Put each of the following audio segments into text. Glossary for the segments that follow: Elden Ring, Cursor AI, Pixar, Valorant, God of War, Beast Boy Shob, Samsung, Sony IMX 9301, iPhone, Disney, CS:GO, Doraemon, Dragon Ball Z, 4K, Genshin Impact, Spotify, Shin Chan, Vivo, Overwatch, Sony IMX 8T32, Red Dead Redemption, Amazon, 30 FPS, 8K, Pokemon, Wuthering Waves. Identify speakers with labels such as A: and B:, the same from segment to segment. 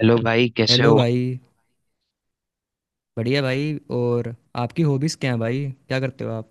A: Hello भाई, कैसे
B: hello
A: हो।
B: भाई। बढ़िया भाई। और आपकी हॉबीज़ क्या है भाई? क्या करते हो आप?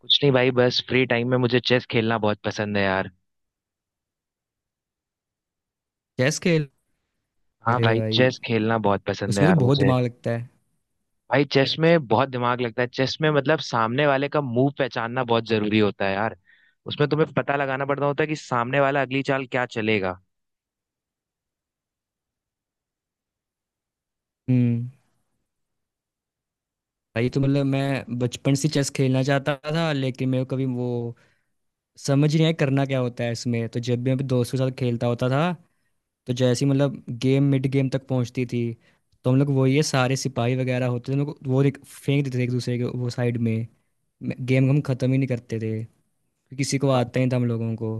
A: कुछ नहीं भाई, बस फ्री टाइम में मुझे चेस खेलना बहुत पसंद है यार।
B: चेस खेल?
A: हाँ
B: अरे
A: भाई,
B: भाई,
A: चेस खेलना बहुत पसंद है
B: उसमें तो
A: यार
B: बहुत
A: मुझे।
B: दिमाग लगता है।
A: भाई चेस में बहुत दिमाग लगता है, चेस में मतलब सामने वाले का मूव पहचानना बहुत जरूरी होता है यार। उसमें तुम्हें पता लगाना पड़ता होता है कि सामने वाला अगली चाल क्या चलेगा।
B: हम्म। भाई तो मतलब मैं बचपन से चेस खेलना चाहता था, लेकिन मेरे को कभी वो समझ ही नहीं आया करना क्या होता है इसमें। तो जब भी मैं अपने दोस्तों के साथ खेलता होता था, तो जैसे ही मतलब गेम मिड गेम तक पहुंचती थी, तो हम लोग वो ये सारे सिपाही वगैरह होते थे, हम लोग वो फेंक देते थे एक दूसरे के वो साइड में। गेम हम ख़त्म ही नहीं करते थे। किसी को
A: हाँ,
B: आता ही था हम लोगों को।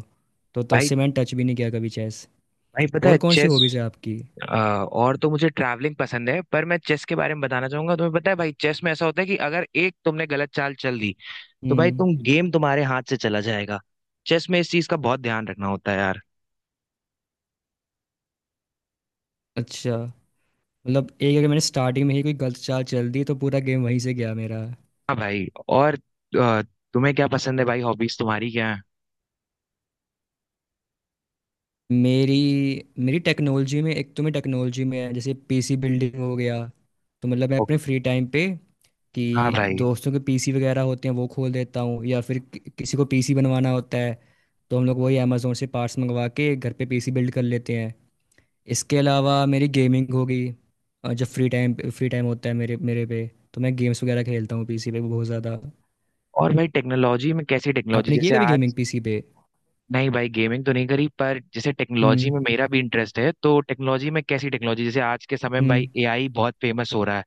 B: तो तब
A: भाई।
B: से मैंने टच भी नहीं किया कभी चेस।
A: भाई पता
B: और
A: है
B: कौन सी
A: चेस
B: हॉबीज है आपकी?
A: और तो मुझे ट्रैवलिंग पसंद है, पर मैं चेस के बारे में बताना चाहूंगा। तुम्हें पता है भाई, चेस में ऐसा होता है कि अगर एक तुमने गलत चाल चल दी, तो भाई
B: हम्म।
A: तुम गेम तुम्हारे हाथ से चला जाएगा। चेस में इस चीज का बहुत ध्यान रखना होता है यार।
B: अच्छा। मतलब एक अगर मैंने स्टार्टिंग में ही कोई गलत चाल चल दी तो पूरा गेम वहीं से गया मेरा।
A: हाँ भाई। और अ, तुम्हें क्या पसंद है भाई, हॉबीज तुम्हारी क्या है?
B: मेरी मेरी टेक्नोलॉजी में, एक तो मैं टेक्नोलॉजी में है जैसे पीसी बिल्डिंग हो गया। तो मतलब मैं
A: ओ।
B: अपने फ्री टाइम पे
A: हाँ
B: कि
A: भाई।
B: दोस्तों के पीसी वगैरह होते हैं वो खोल देता हूँ, या फिर किसी को पीसी बनवाना होता है तो हम लोग वही अमेज़ोन से पार्ट्स मंगवा के घर पे पीसी बिल्ड कर लेते हैं। इसके अलावा मेरी गेमिंग हो गई। जब फ्री टाइम होता है मेरे मेरे पे, तो मैं गेम्स वगैरह खेलता हूँ पीसी पे बहुत ज़्यादा।
A: और भाई टेक्नोलॉजी में कैसी टेक्नोलॉजी
B: आपने की है
A: जैसे
B: कभी गेमिंग
A: आज
B: पीसी पे?
A: नहीं भाई, गेमिंग तो नहीं करी, पर जैसे टेक्नोलॉजी
B: हम्म।
A: में मेरा भी इंटरेस्ट है। तो टेक्नोलॉजी में कैसी टेक्नोलॉजी, जैसे आज के समय में भाई
B: हम्म।
A: एआई बहुत फेमस हो रहा है।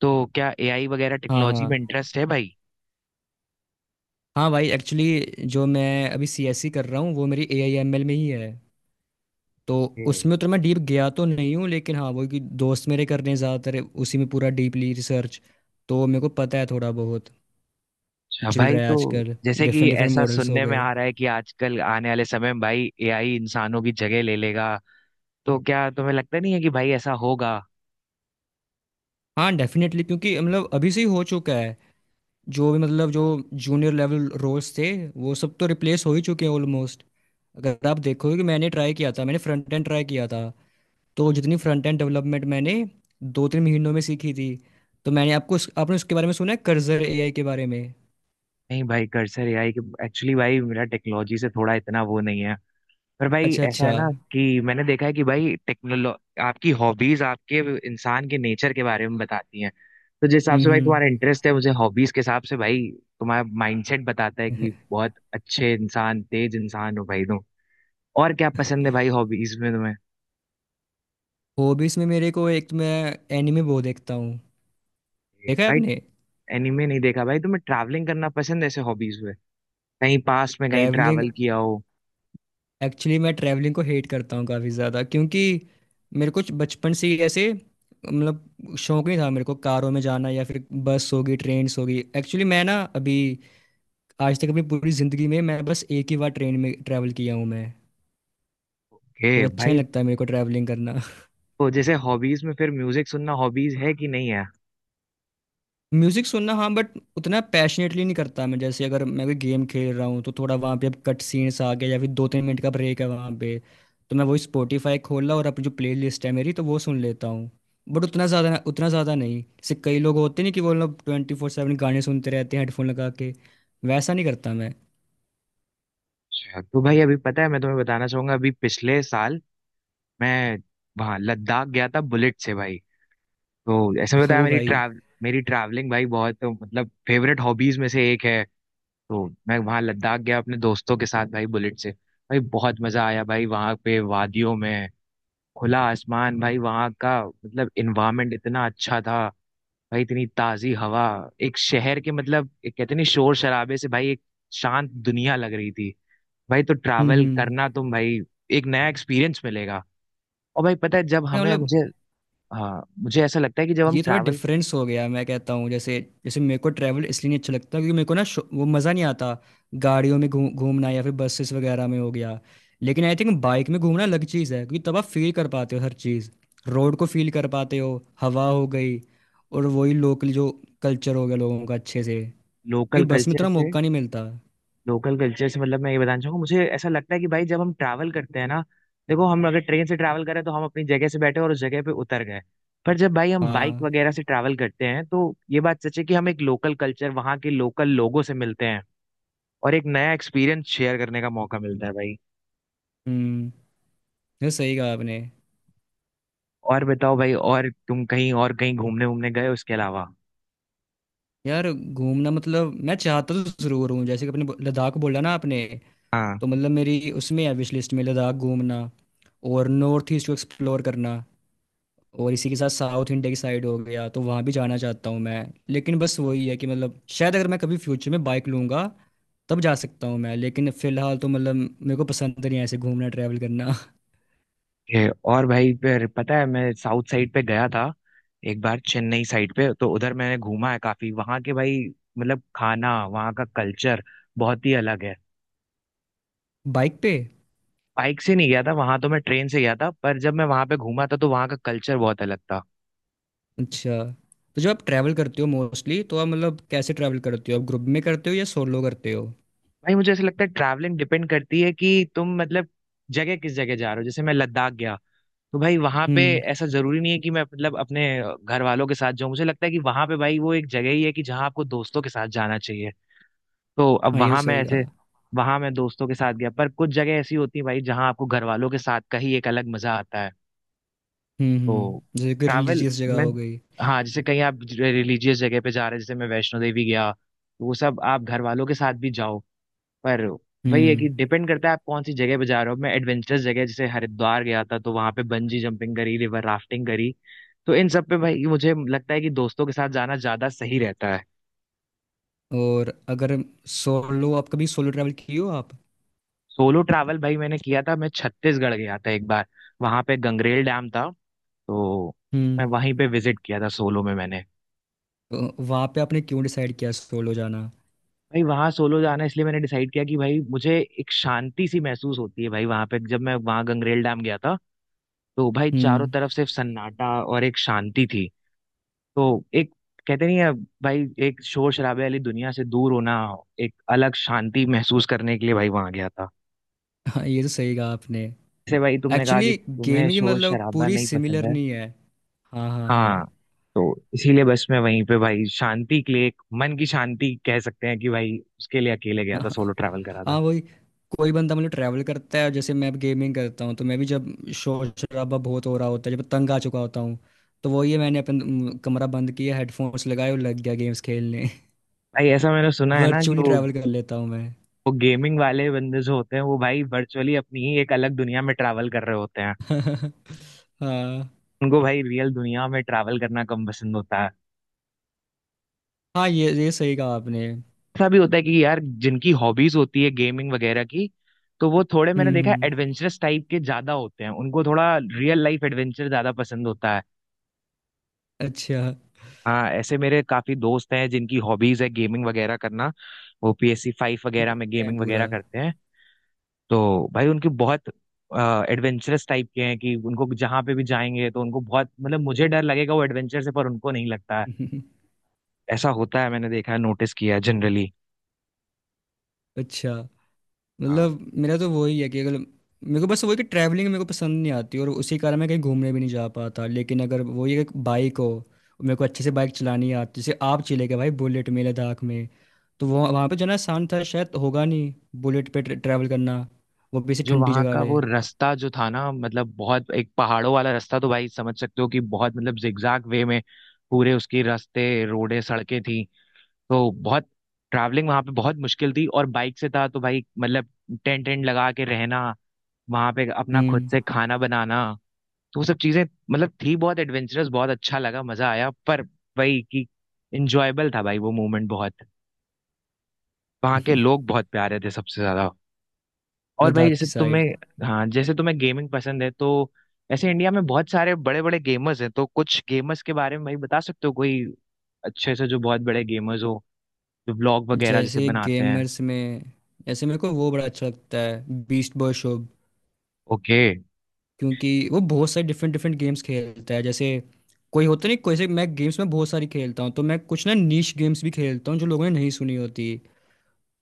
A: तो क्या एआई वगैरह
B: हाँ हाँ।
A: टेक्नोलॉजी में इंटरेस्ट है भाई?
B: हाँ भाई, एक्चुअली जो मैं अभी सीएससी कर रहा हूँ वो मेरी ए आई एम एल में ही है। तो
A: हम्म।
B: उसमें उतना मैं डीप गया तो नहीं हूँ, लेकिन हाँ वो कि दोस्त मेरे कर रहे हैं ज़्यादातर उसी में पूरा डीपली रिसर्च, तो मेरे को पता है थोड़ा बहुत
A: अच्छा
B: चल
A: भाई।
B: रहा है
A: तो
B: आजकल।
A: जैसे कि
B: डिफरेंट डिफरेंट
A: ऐसा
B: मॉडल्स हो
A: सुनने में
B: गए।
A: आ रहा है कि आजकल आने वाले समय में भाई एआई इंसानों की जगह ले लेगा। तो क्या तुम्हें लगता नहीं है कि भाई ऐसा होगा?
B: हाँ डेफिनेटली, क्योंकि मतलब अभी से ही हो चुका है। जो भी मतलब जो जूनियर लेवल रोल्स थे, वो सब तो रिप्लेस हो ही चुके हैं ऑलमोस्ट। अगर आप देखोगे, कि मैंने ट्राई किया था, मैंने फ्रंट एंड ट्राई किया था। तो जितनी फ्रंट एंड डेवलपमेंट मैंने 2-3 महीनों में सीखी थी। तो मैंने आपने उसके बारे में सुना है कर्जर एआई के बारे में?
A: नहीं भाई, कर्सर एआई के, एक्चुअली भाई मेरा टेक्नोलॉजी से थोड़ा इतना वो नहीं है। पर भाई
B: अच्छा
A: ऐसा
B: अच्छा।
A: है ना कि मैंने देखा है कि भाई टेक्नोलॉ आपकी हॉबीज आपके इंसान के नेचर के बारे में बताती हैं। तो जिस हिसाब से भाई
B: हम्म।
A: तुम्हारा इंटरेस्ट है, मुझे हॉबीज के हिसाब से भाई तुम्हारा माइंडसेट बताता है कि बहुत अच्छे इंसान, तेज इंसान हो भाई तुम। और क्या पसंद है भाई हॉबीज में तुम्हें?
B: हॉबीज में मेरे को, एक तो मैं एनिमे बहुत देखता हूँ।
A: ये
B: देखा है
A: भाई
B: आपने?
A: एनिमे नहीं देखा भाई। तुम्हें ट्रैवलिंग करना पसंद है ऐसे हॉबीज में? कहीं पास्ट में कहीं
B: ट्रैवलिंग,
A: ट्रैवल किया हो?
B: एक्चुअली मैं ट्रैवलिंग को हेट करता हूँ काफ़ी ज़्यादा, क्योंकि मेरे को बचपन से ही ऐसे मतलब शौक नहीं था मेरे को कारों में जाना, या फिर बस होगी ट्रेन होगी। एक्चुअली मैं ना अभी आज तक अपनी पूरी ज़िंदगी में मैं बस एक ही बार ट्रेन में ट्रैवल किया हूँ मैं।
A: ओके
B: तो अच्छा
A: भाई।
B: नहीं लगता है मेरे को ट्रैवलिंग करना।
A: तो जैसे हॉबीज में फिर म्यूजिक सुनना हॉबीज है कि नहीं है?
B: म्यूजिक सुनना हाँ, बट उतना पैशनेटली नहीं करता मैं। जैसे अगर मैं कोई गेम खेल रहा हूँ तो थोड़ा वहाँ पे अब कट सीन्स आ गए या फिर 2-3 मिनट का ब्रेक है वहाँ पे, तो मैं वही स्पॉटिफाई खोला और अपनी जो प्ले लिस्ट है मेरी तो वो सुन लेता हूँ। बट उतना ज़्यादा नहीं जैसे कई लोग होते नहीं कि वो लोग 24/7 गाने सुनते रहते हैं हेडफोन लगा के। वैसा नहीं करता मैं।
A: अच्छा। तो भाई, अभी पता है मैं तुम्हें बताना चाहूंगा, अभी पिछले साल मैं वहाँ लद्दाख गया था बुलेट से भाई। तो ऐसे में बताया,
B: ओ भाई।
A: मेरी ट्रैवलिंग भाई बहुत मतलब फेवरेट हॉबीज में से एक है। तो मैं वहाँ लद्दाख गया अपने दोस्तों के साथ भाई बुलेट से भाई, बहुत मजा आया भाई वहाँ पे वादियों में। खुला आसमान, भाई वहाँ का मतलब इन्वायरमेंट इतना अच्छा था भाई, इतनी ताजी हवा। एक शहर के मतलब एक कहते नहीं, शोर शराबे से भाई एक शांत दुनिया लग रही थी। भाई तो ट्रैवल
B: हम्म।
A: करना तुम भाई, एक नया एक्सपीरियंस मिलेगा। और भाई पता है जब हमें
B: मतलब
A: मुझे हाँ मुझे ऐसा लगता है कि जब हम
B: ये थोड़ा
A: ट्रैवल
B: डिफरेंस हो गया, मैं कहता हूँ जैसे, जैसे मेरे को ट्रैवल इसलिए नहीं अच्छा लगता क्योंकि मेरे को ना वो मज़ा नहीं आता गाड़ियों में घूम घूमना या फिर बसेस वगैरह में हो गया। लेकिन आई थिंक बाइक में घूमना अलग चीज़ है, क्योंकि तब आप फील कर पाते हो हर चीज़। रोड को फील कर पाते हो, हवा हो गई, और वही लोकल जो कल्चर हो गया लोगों का अच्छे से, क्योंकि
A: लोकल
B: बस में
A: कल्चर
B: उतना
A: से
B: मौका नहीं मिलता।
A: लोकल कल्चर से मतलब मैं ये बताना चाहूंगा, मुझे ऐसा लगता है कि भाई जब हम ट्रैवल करते हैं ना, देखो हम अगर ट्रेन से ट्रैवल करें तो हम अपनी जगह से बैठे और उस जगह पे उतर गए। पर जब भाई हम बाइक
B: हाँ।
A: वगैरह से ट्रैवल करते हैं तो ये बात सच है कि हम एक लोकल कल्चर, वहाँ के लोकल लोगों से मिलते हैं। और एक नया एक्सपीरियंस शेयर करने का मौका मिलता है भाई।
B: हम्म, ये सही कहा आपने।
A: और बताओ भाई, और तुम कहीं और कहीं घूमने घूमने गए उसके अलावा?
B: यार घूमना मतलब मैं चाहता तो ज़रूर हूँ, जैसे कि अपने लद्दाख बोला ना आपने,
A: हाँ।
B: तो मतलब मेरी उसमें है विश लिस्ट में लद्दाख घूमना, और नॉर्थ ईस्ट को एक्सप्लोर करना, और इसी के साथ साउथ इंडिया की साइड हो गया तो वहाँ भी जाना चाहता हूँ मैं। लेकिन बस वही है कि मतलब शायद अगर मैं कभी फ्यूचर में बाइक लूँगा तब जा सकता हूँ मैं, लेकिन फिलहाल तो मतलब मेरे को पसंद नहीं है ऐसे घूमना ट्रैवल करना।
A: ये और भाई फिर पता है, मैं साउथ साइड पे गया था एक बार, चेन्नई साइड पे। तो उधर मैंने घूमा है काफी, वहां के भाई मतलब खाना, वहां का कल्चर बहुत ही अलग है।
B: बाइक पे?
A: बाइक से नहीं गया था वहां, तो मैं ट्रेन से गया था, पर जब मैं वहां पे घूमा था तो वहां का कल्चर बहुत अलग था।
B: अच्छा। तो जब आप ट्रैवल करते हो मोस्टली, तो आप मतलब कैसे ट्रैवल करते हो? आप ग्रुप में करते हो या सोलो करते हो?
A: भाई मुझे ऐसा लगता है ट्रैवलिंग डिपेंड करती है कि तुम मतलब जगह किस जगह जा रहे हो। जैसे मैं लद्दाख गया तो भाई वहां पे,
B: हम्म।
A: ऐसा जरूरी नहीं है कि मैं मतलब अपने घर वालों के साथ जाऊं। मुझे लगता है कि वहां पे भाई वो एक जगह ही है कि जहां आपको दोस्तों के साथ जाना चाहिए। तो अब
B: हाँ ये तो
A: वहां मैं
B: सही
A: ऐसे
B: कहा।
A: वहां मैं दोस्तों के साथ गया, पर कुछ जगह ऐसी होती है भाई जहां आपको घर वालों के साथ का ही एक अलग मजा आता है।
B: हम्म,
A: तो
B: जैसे कि
A: ट्रैवल
B: रिलीजियस जगह
A: मैं
B: हो गई।
A: हाँ जैसे कहीं आप रिलीजियस जगह पे जा रहे हैं, जैसे मैं वैष्णो देवी गया, तो वो सब आप घर वालों के साथ भी जाओ। पर वही है कि
B: हम्म।
A: डिपेंड करता है आप कौन सी जगह पे जा रहे हो। मैं एडवेंचरस जगह जैसे हरिद्वार गया था, तो वहां पे बंजी जंपिंग करी, रिवर राफ्टिंग करी। तो इन सब पे भाई मुझे लगता है कि दोस्तों के साथ जाना ज्यादा सही रहता है।
B: और अगर सोलो, आप कभी सोलो ट्रैवल किए हो आप?
A: सोलो ट्रैवल भाई मैंने किया था, मैं छत्तीसगढ़ गया था एक बार। वहां पे गंगरेल डैम था। तो मैं
B: हम्म।
A: वहीं पे विजिट किया था सोलो में मैंने।
B: तो वहाँ पे आपने क्यों डिसाइड किया सोलो जाना?
A: भाई वहां सोलो जाना इसलिए मैंने डिसाइड किया कि भाई मुझे एक शांति सी महसूस होती है, भाई वहां पे, जब मैं वहां गंगरेल डैम गया था तो भाई चारों
B: हम्म।
A: तरफ सिर्फ सन्नाटा और एक शांति थी। तो एक कहते नहीं है भाई, एक शोर शराबे वाली दुनिया से दूर होना, एक अलग शांति महसूस करने के लिए भाई वहां गया था।
B: हाँ ये तो सही कहा आपने।
A: जैसे भाई तुमने कहा कि
B: एक्चुअली
A: तुम्हें
B: गेमिंग
A: शोर
B: मतलब
A: शराबा
B: पूरी
A: नहीं पसंद
B: सिमिलर
A: है।
B: नहीं है। हाँ हाँ
A: हाँ।
B: हाँ।
A: तो इसीलिए बस मैं वहीं पे भाई शांति के लिए, एक मन की शांति कह सकते हैं कि भाई, उसके लिए अकेले गया था, सोलो
B: हाँ।
A: ट्रैवल करा था।
B: हाँ, वही। कोई बंदा मतलब ट्रैवल करता है, जैसे मैं गेमिंग करता हूँ। तो मैं भी जब शोर शराबा बहुत हो रहा होता है, जब तंग आ चुका होता हूँ, तो वो ये मैंने कमरा बंद किया, हेडफोन्स लगाए और लग गया गेम्स खेलने।
A: भाई ऐसा मैंने सुना है ना, कि
B: वर्चुअली
A: वो
B: ट्रैवल कर लेता हूँ मैं।
A: वो गेमिंग वाले बंदे जो होते हैं वो भाई वर्चुअली अपनी ही एक अलग दुनिया में ट्रैवल कर रहे होते हैं।
B: हाँ।
A: उनको भाई रियल दुनिया में ट्रैवल करना कम पसंद होता है।
B: हाँ ये सही कहा आपने। हम्म।
A: ऐसा भी होता है कि यार जिनकी हॉबीज होती है गेमिंग वगैरह की, तो वो थोड़े मैंने देखा
B: हम्म,
A: एडवेंचरस टाइप के ज्यादा होते हैं, उनको थोड़ा रियल लाइफ एडवेंचर ज्यादा पसंद होता है।
B: अच्छा।
A: हाँ, ऐसे मेरे काफी दोस्त हैं जिनकी हॉबीज है गेमिंग वगैरह करना। वो पीएससी फाइव वगैरह में
B: घूमते हैं
A: गेमिंग
B: पूरा।
A: वगैरह करते हैं। तो भाई उनकी बहुत एडवेंचरस टाइप के हैं कि उनको जहां पे भी जाएंगे तो उनको बहुत मतलब, मुझे डर लगेगा वो एडवेंचर से पर उनको नहीं लगता है। ऐसा होता है, मैंने देखा है, नोटिस किया है जनरली।
B: अच्छा।
A: हाँ।
B: मतलब मेरा तो वही है कि अगर मेरे को बस वही कि ट्रैवलिंग मेरे को पसंद नहीं आती और उसी कारण मैं कहीं घूमने भी नहीं जा पाता। लेकिन अगर वो ये बाइक हो, मेरे को अच्छे से बाइक चलानी आती, जैसे आप चले गए भाई बुलेट में लद्दाख में, तो वो वहाँ पे जाना आसान था। शायद होगा नहीं बुलेट पे ट्रैवल करना, वो भी ऐसी
A: जो
B: ठंडी
A: वहां
B: जगह
A: का
B: पे।
A: वो रास्ता जो था ना, मतलब बहुत एक पहाड़ों वाला रास्ता, तो भाई समझ सकते हो कि बहुत मतलब जिगजैग वे में पूरे उसकी रास्ते रोडे सड़कें थी। तो बहुत, ट्रैवलिंग वहां पे बहुत मुश्किल थी। और बाइक से था, तो भाई मतलब टेंट टेंट लगा के रहना, वहां पे अपना खुद
B: हम्म।
A: से खाना बनाना, तो वो सब चीजें मतलब थी बहुत एडवेंचरस, बहुत अच्छा लगा, मजा आया, पर भाई कि इंजॉयबल था भाई वो मोमेंट बहुत। वहां के लोग बहुत प्यारे थे सबसे ज्यादा। और भाई
B: लद्दाख
A: जैसे
B: की साइड।
A: तुम्हें हाँ, जैसे तुम्हें गेमिंग पसंद है, तो ऐसे इंडिया में बहुत सारे बड़े बड़े गेमर्स हैं, तो कुछ गेमर्स के बारे में भाई बता सकते हो कोई अच्छे से, जो बहुत बड़े गेमर्स हो, जो व्लॉग वगैरह जैसे
B: जैसे
A: बनाते हैं?
B: गेमर्स में, जैसे मेरे को वो बड़ा अच्छा लगता है बीस्ट बॉय शोब,
A: ओके
B: क्योंकि वो बहुत सारे डिफरेंट डिफरेंट गेम्स खेलता है। जैसे कोई होता नहीं कोई से, मैं गेम्स में बहुत सारी खेलता हूँ, तो मैं कुछ ना नीश गेम्स भी खेलता हूँ जो लोगों ने नहीं सुनी होती।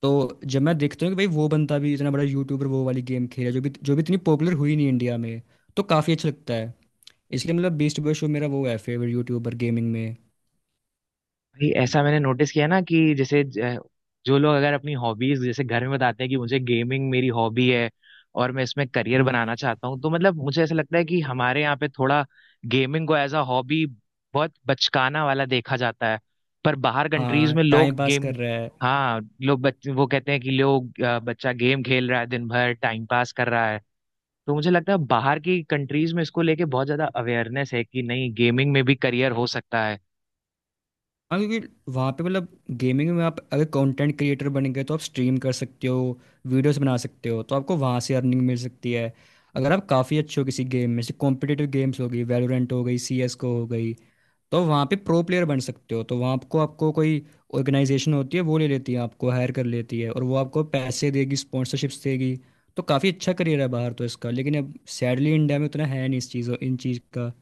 B: तो जब मैं देखता हूँ कि भाई वो बंदा भी इतना बड़ा यूट्यूबर वो वाली गेम खेला जो भी इतनी पॉपुलर हुई नहीं इंडिया में, तो काफ़ी अच्छा लगता है। इसलिए मतलब बीस्ट बॉय शोब मेरा वो है फेवरेट यूट्यूबर गेमिंग में।
A: भाई। ऐसा मैंने नोटिस किया ना कि जैसे जो लोग, अगर अपनी हॉबीज जैसे घर में बताते हैं कि मुझे गेमिंग मेरी हॉबी है और मैं इसमें करियर
B: हम्म।
A: बनाना चाहता हूँ, तो मतलब मुझे ऐसा लगता है कि हमारे यहाँ पे थोड़ा गेमिंग को एज अ हॉबी बहुत बचकाना वाला देखा जाता है। पर बाहर कंट्रीज
B: हाँ,
A: में लोग
B: टाइम पास
A: गेम,
B: कर रहा है।
A: हाँ, लोग वो कहते हैं कि लोग बच्चा गेम खेल रहा है दिन भर टाइम पास कर रहा है। तो मुझे लगता है बाहर की कंट्रीज में इसको लेके बहुत ज्यादा अवेयरनेस है कि नहीं, गेमिंग में भी करियर हो सकता है।
B: हाँ, क्योंकि वहाँ पे मतलब गेमिंग में आप अगर कंटेंट क्रिएटर बन गए तो आप स्ट्रीम कर सकते हो, वीडियोस बना सकते हो, तो आपको वहाँ से अर्निंग मिल सकती है। अगर आप काफ़ी अच्छे हो किसी गेम में जैसे कॉम्पिटिटिव गेम्स हो गई, वैलोरेंट हो गई, सी एस को हो गई, तो वहाँ पे प्रो प्लेयर बन सकते हो। तो वहाँ आपको आपको कोई ऑर्गेनाइजेशन होती है वो ले लेती है, आपको हायर कर लेती है, और वो आपको पैसे देगी, स्पॉन्सरशिप्स देगी। तो काफ़ी अच्छा करियर है बाहर तो इसका। लेकिन अब सैडली इंडिया में उतना है नहीं इस चीज़ों इन चीज़ का।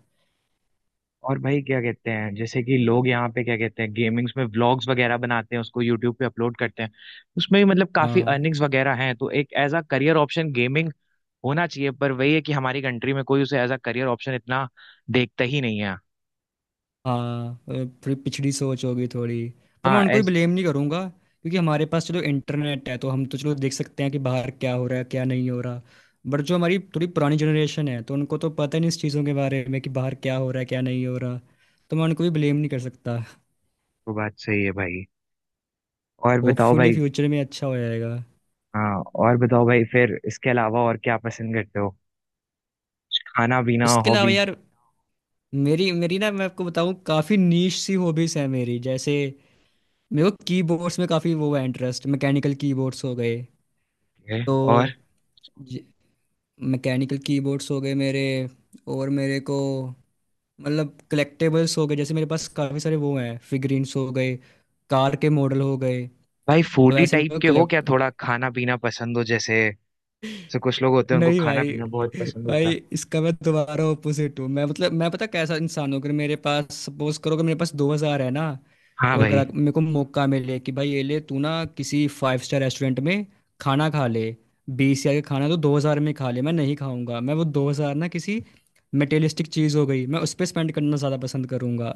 A: और भाई क्या कहते हैं, जैसे कि लोग यहाँ पे क्या कहते हैं, गेमिंग्स में व्लॉग्स वगैरह बनाते हैं, उसको यूट्यूब पे अपलोड करते हैं, उसमें भी मतलब काफी
B: हाँ
A: अर्निंग्स वगैरह हैं। तो एक as a career option gaming होना चाहिए, पर वही है कि हमारी कंट्री में कोई उसे एज अ करियर ऑप्शन इतना देखता ही नहीं है।
B: हाँ। थोड़ी पिछड़ी सोच होगी थोड़ी। पर मैं
A: हाँ।
B: उनको भी
A: ऐस
B: ब्लेम नहीं करूंगा, क्योंकि हमारे पास चलो इंटरनेट है तो हम तो चलो देख सकते हैं कि बाहर क्या हो रहा है क्या नहीं हो रहा। बट जो हमारी थोड़ी पुरानी जनरेशन है, तो उनको तो पता ही नहीं इस चीज़ों के बारे में कि बाहर क्या हो रहा है क्या नहीं हो रहा। तो मैं उनको भी ब्लेम नहीं कर सकता।
A: तो बात सही है भाई। और बताओ
B: होपफुली
A: भाई।
B: फ्यूचर में अच्छा हो जाएगा।
A: हाँ। और बताओ भाई, फिर इसके अलावा और क्या पसंद करते हो, खाना पीना
B: इसके अलावा
A: हॉबी
B: यार, मेरी मेरी ना, मैं आपको बताऊं काफ़ी नीश सी हॉबीज़ है मेरी। जैसे मेरे को कीबोर्ड्स में काफ़ी वो है इंटरेस्ट, मैकेनिकल कीबोर्ड्स हो गए।
A: है?
B: तो
A: और
B: मैकेनिकल कीबोर्ड्स हो गए मेरे। और मेरे को मतलब कलेक्टेबल्स हो गए, जैसे मेरे पास काफ़ी सारे वो हैं फिगरीन्स हो गए, कार के मॉडल हो गए,
A: भाई
B: तो
A: फूडी
B: ऐसे
A: टाइप
B: मैं
A: के हो क्या,
B: कलेक्ट।
A: थोड़ा खाना पीना पसंद हो, जैसे, जैसे कुछ लोग होते हैं उनको
B: नहीं
A: खाना
B: भाई।
A: पीना बहुत पसंद होता
B: भाई
A: है?
B: इसका मैं दोबारा ऑपोजिट हूँ मैं, मतलब मैं पता कैसा इंसान हूँ। अगर मेरे पास सपोज करो कि मेरे पास 2,000 है ना,
A: हाँ
B: और अगर
A: भाई।
B: मेरे को मौका मिले कि भाई ये ले तू ना किसी फाइव स्टार रेस्टोरेंट में खाना खा ले, 20,000 का खाना तो 2,000 में खा ले, मैं नहीं खाऊंगा। मैं वो 2,000 ना किसी मटेरियलिस्टिक चीज़ हो गई मैं उस पर स्पेंड करना ज़्यादा पसंद करूंगा।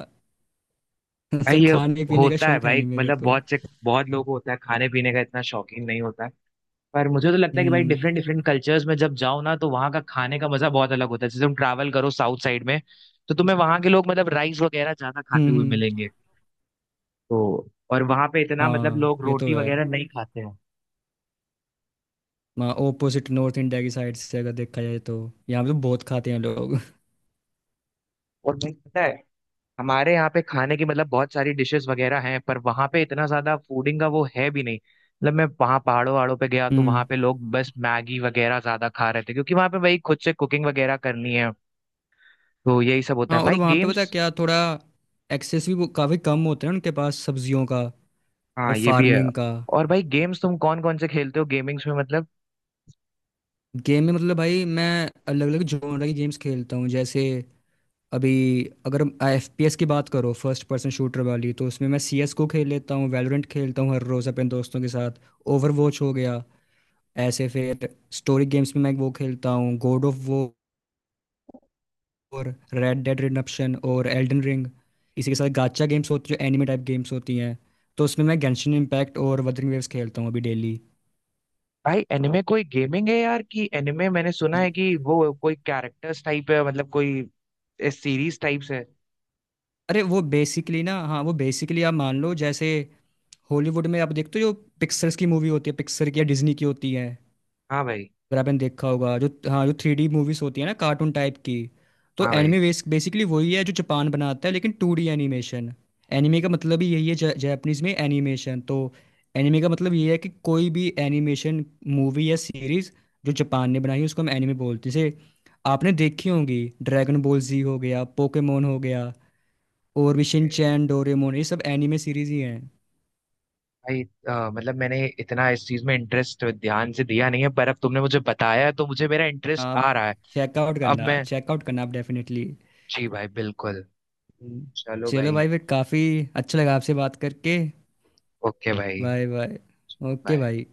A: भाई
B: तो
A: ये
B: खाने पीने का
A: होता है
B: शौक है
A: भाई,
B: नहीं मेरे
A: मतलब
B: को।
A: बहुत से बहुत लोग होता है, खाने पीने का इतना शौकीन नहीं होता है। पर मुझे तो लगता है कि भाई
B: हम्म
A: डिफरेंट डिफरेंट कल्चर्स में जब जाओ ना, तो वहाँ का खाने का मजा बहुत अलग होता है। जैसे तुम ट्रैवल करो साउथ साइड में, तो तुम्हें वहाँ के लोग मतलब राइस वगैरह ज्यादा
B: हम्म।
A: खाते हुए मिलेंगे, तो, और वहाँ पे इतना मतलब
B: हाँ
A: लोग
B: ये तो
A: रोटी
B: है।
A: वगैरह नहीं खाते हैं।
B: वहाँ ओपोजिट नॉर्थ इंडिया की साइड से अगर देखा जाए तो, यहाँ पे तो बहुत खाते हैं लोग।
A: और भाई पता है, हमारे यहाँ पे खाने की मतलब बहुत सारी डिशेस वगैरह हैं, पर वहाँ पे इतना ज्यादा फूडिंग का वो है भी नहीं, मतलब मैं वहाँ पहाड़ों वहाड़ों पे गया तो वहाँ
B: हम्म।
A: पे लोग बस मैगी वगैरह ज्यादा खा रहे थे, क्योंकि वहाँ पे भाई खुद से कुकिंग वगैरह करनी है। तो यही सब होता है
B: हाँ और
A: भाई
B: वहाँ पे पता
A: गेम्स।
B: है क्या, थोड़ा एक्सेस भी वो काफ़ी कम होता है उनके पास सब्जियों का, या
A: हाँ, ये भी है।
B: फार्मिंग का।
A: और भाई गेम्स तुम कौन कौन से खेलते हो गेमिंग्स में मतलब?
B: गेम में मतलब भाई मैं अलग अलग जॉनर की गेम्स खेलता हूँ। जैसे अभी, अगर एफ पी एस की बात करो, फर्स्ट पर्सन शूटर वाली, तो उसमें मैं सी एस को खेल लेता हूँ, वैलोरेंट खेलता हूँ हर रोज़ अपने दोस्तों के साथ, ओवर वॉच हो गया। ऐसे फिर स्टोरी गेम्स में मैं वो खेलता हूँ God of War, Red Dead Redemption और एल्डन रिंग। इसी के साथ गाचा गेम्स होती है जो एनिमे टाइप गेम्स होती हैं, तो उसमें मैं गेंशिन इम्पैक्ट और वदरिंग वेव्स खेलता हूँ अभी डेली।
A: भाई एनिमे कोई गेमिंग है यार, कि एनिमे मैंने सुना है कि वो कोई कैरेक्टर्स टाइप है, मतलब कोई सीरीज टाइप्स है?
B: अरे वो बेसिकली ना, हाँ वो बेसिकली आप मान लो जैसे हॉलीवुड में आप देखते हो जो पिक्सर्स की मूवी होती है, पिक्सर की या डिज्नी की होती है,
A: हाँ भाई।
B: अगर आपने देखा होगा जो हाँ जो 3D मूवीज होती है ना कार्टून टाइप की, तो
A: हाँ भाई।
B: एनिमे बेसिकली वही है जो जापान बनाता है लेकिन 2D एनिमेशन। एनिमे का मतलब ही यही है, जापानीज में एनिमेशन। तो एनिमे का मतलब ये है कि कोई भी एनिमेशन मूवी या सीरीज जो जापान ने बनाई है उसको हम एनिमे बोलते हैं। जैसे आपने देखी होंगी ड्रैगन बॉल जी हो गया, पोकेमोन हो गया, और भी शिनचैन, डोरेमोन, ये सब एनिमे सीरीज ही हैं।
A: भाई मतलब मैंने इतना इस चीज में इंटरेस्ट ध्यान से दिया नहीं है, पर अब तुमने मुझे बताया है, तो मुझे मेरा इंटरेस्ट आ
B: आप
A: रहा है।
B: चेकआउट
A: अब
B: करना,
A: मैं
B: चेकआउट करना आप डेफिनेटली।
A: जी भाई बिल्कुल। चलो
B: चलो
A: भाई।
B: भाई फिर, काफ़ी अच्छा लगा आपसे बात करके।
A: ओके भाई।
B: Bye bye. Okay
A: bye.
B: भाई।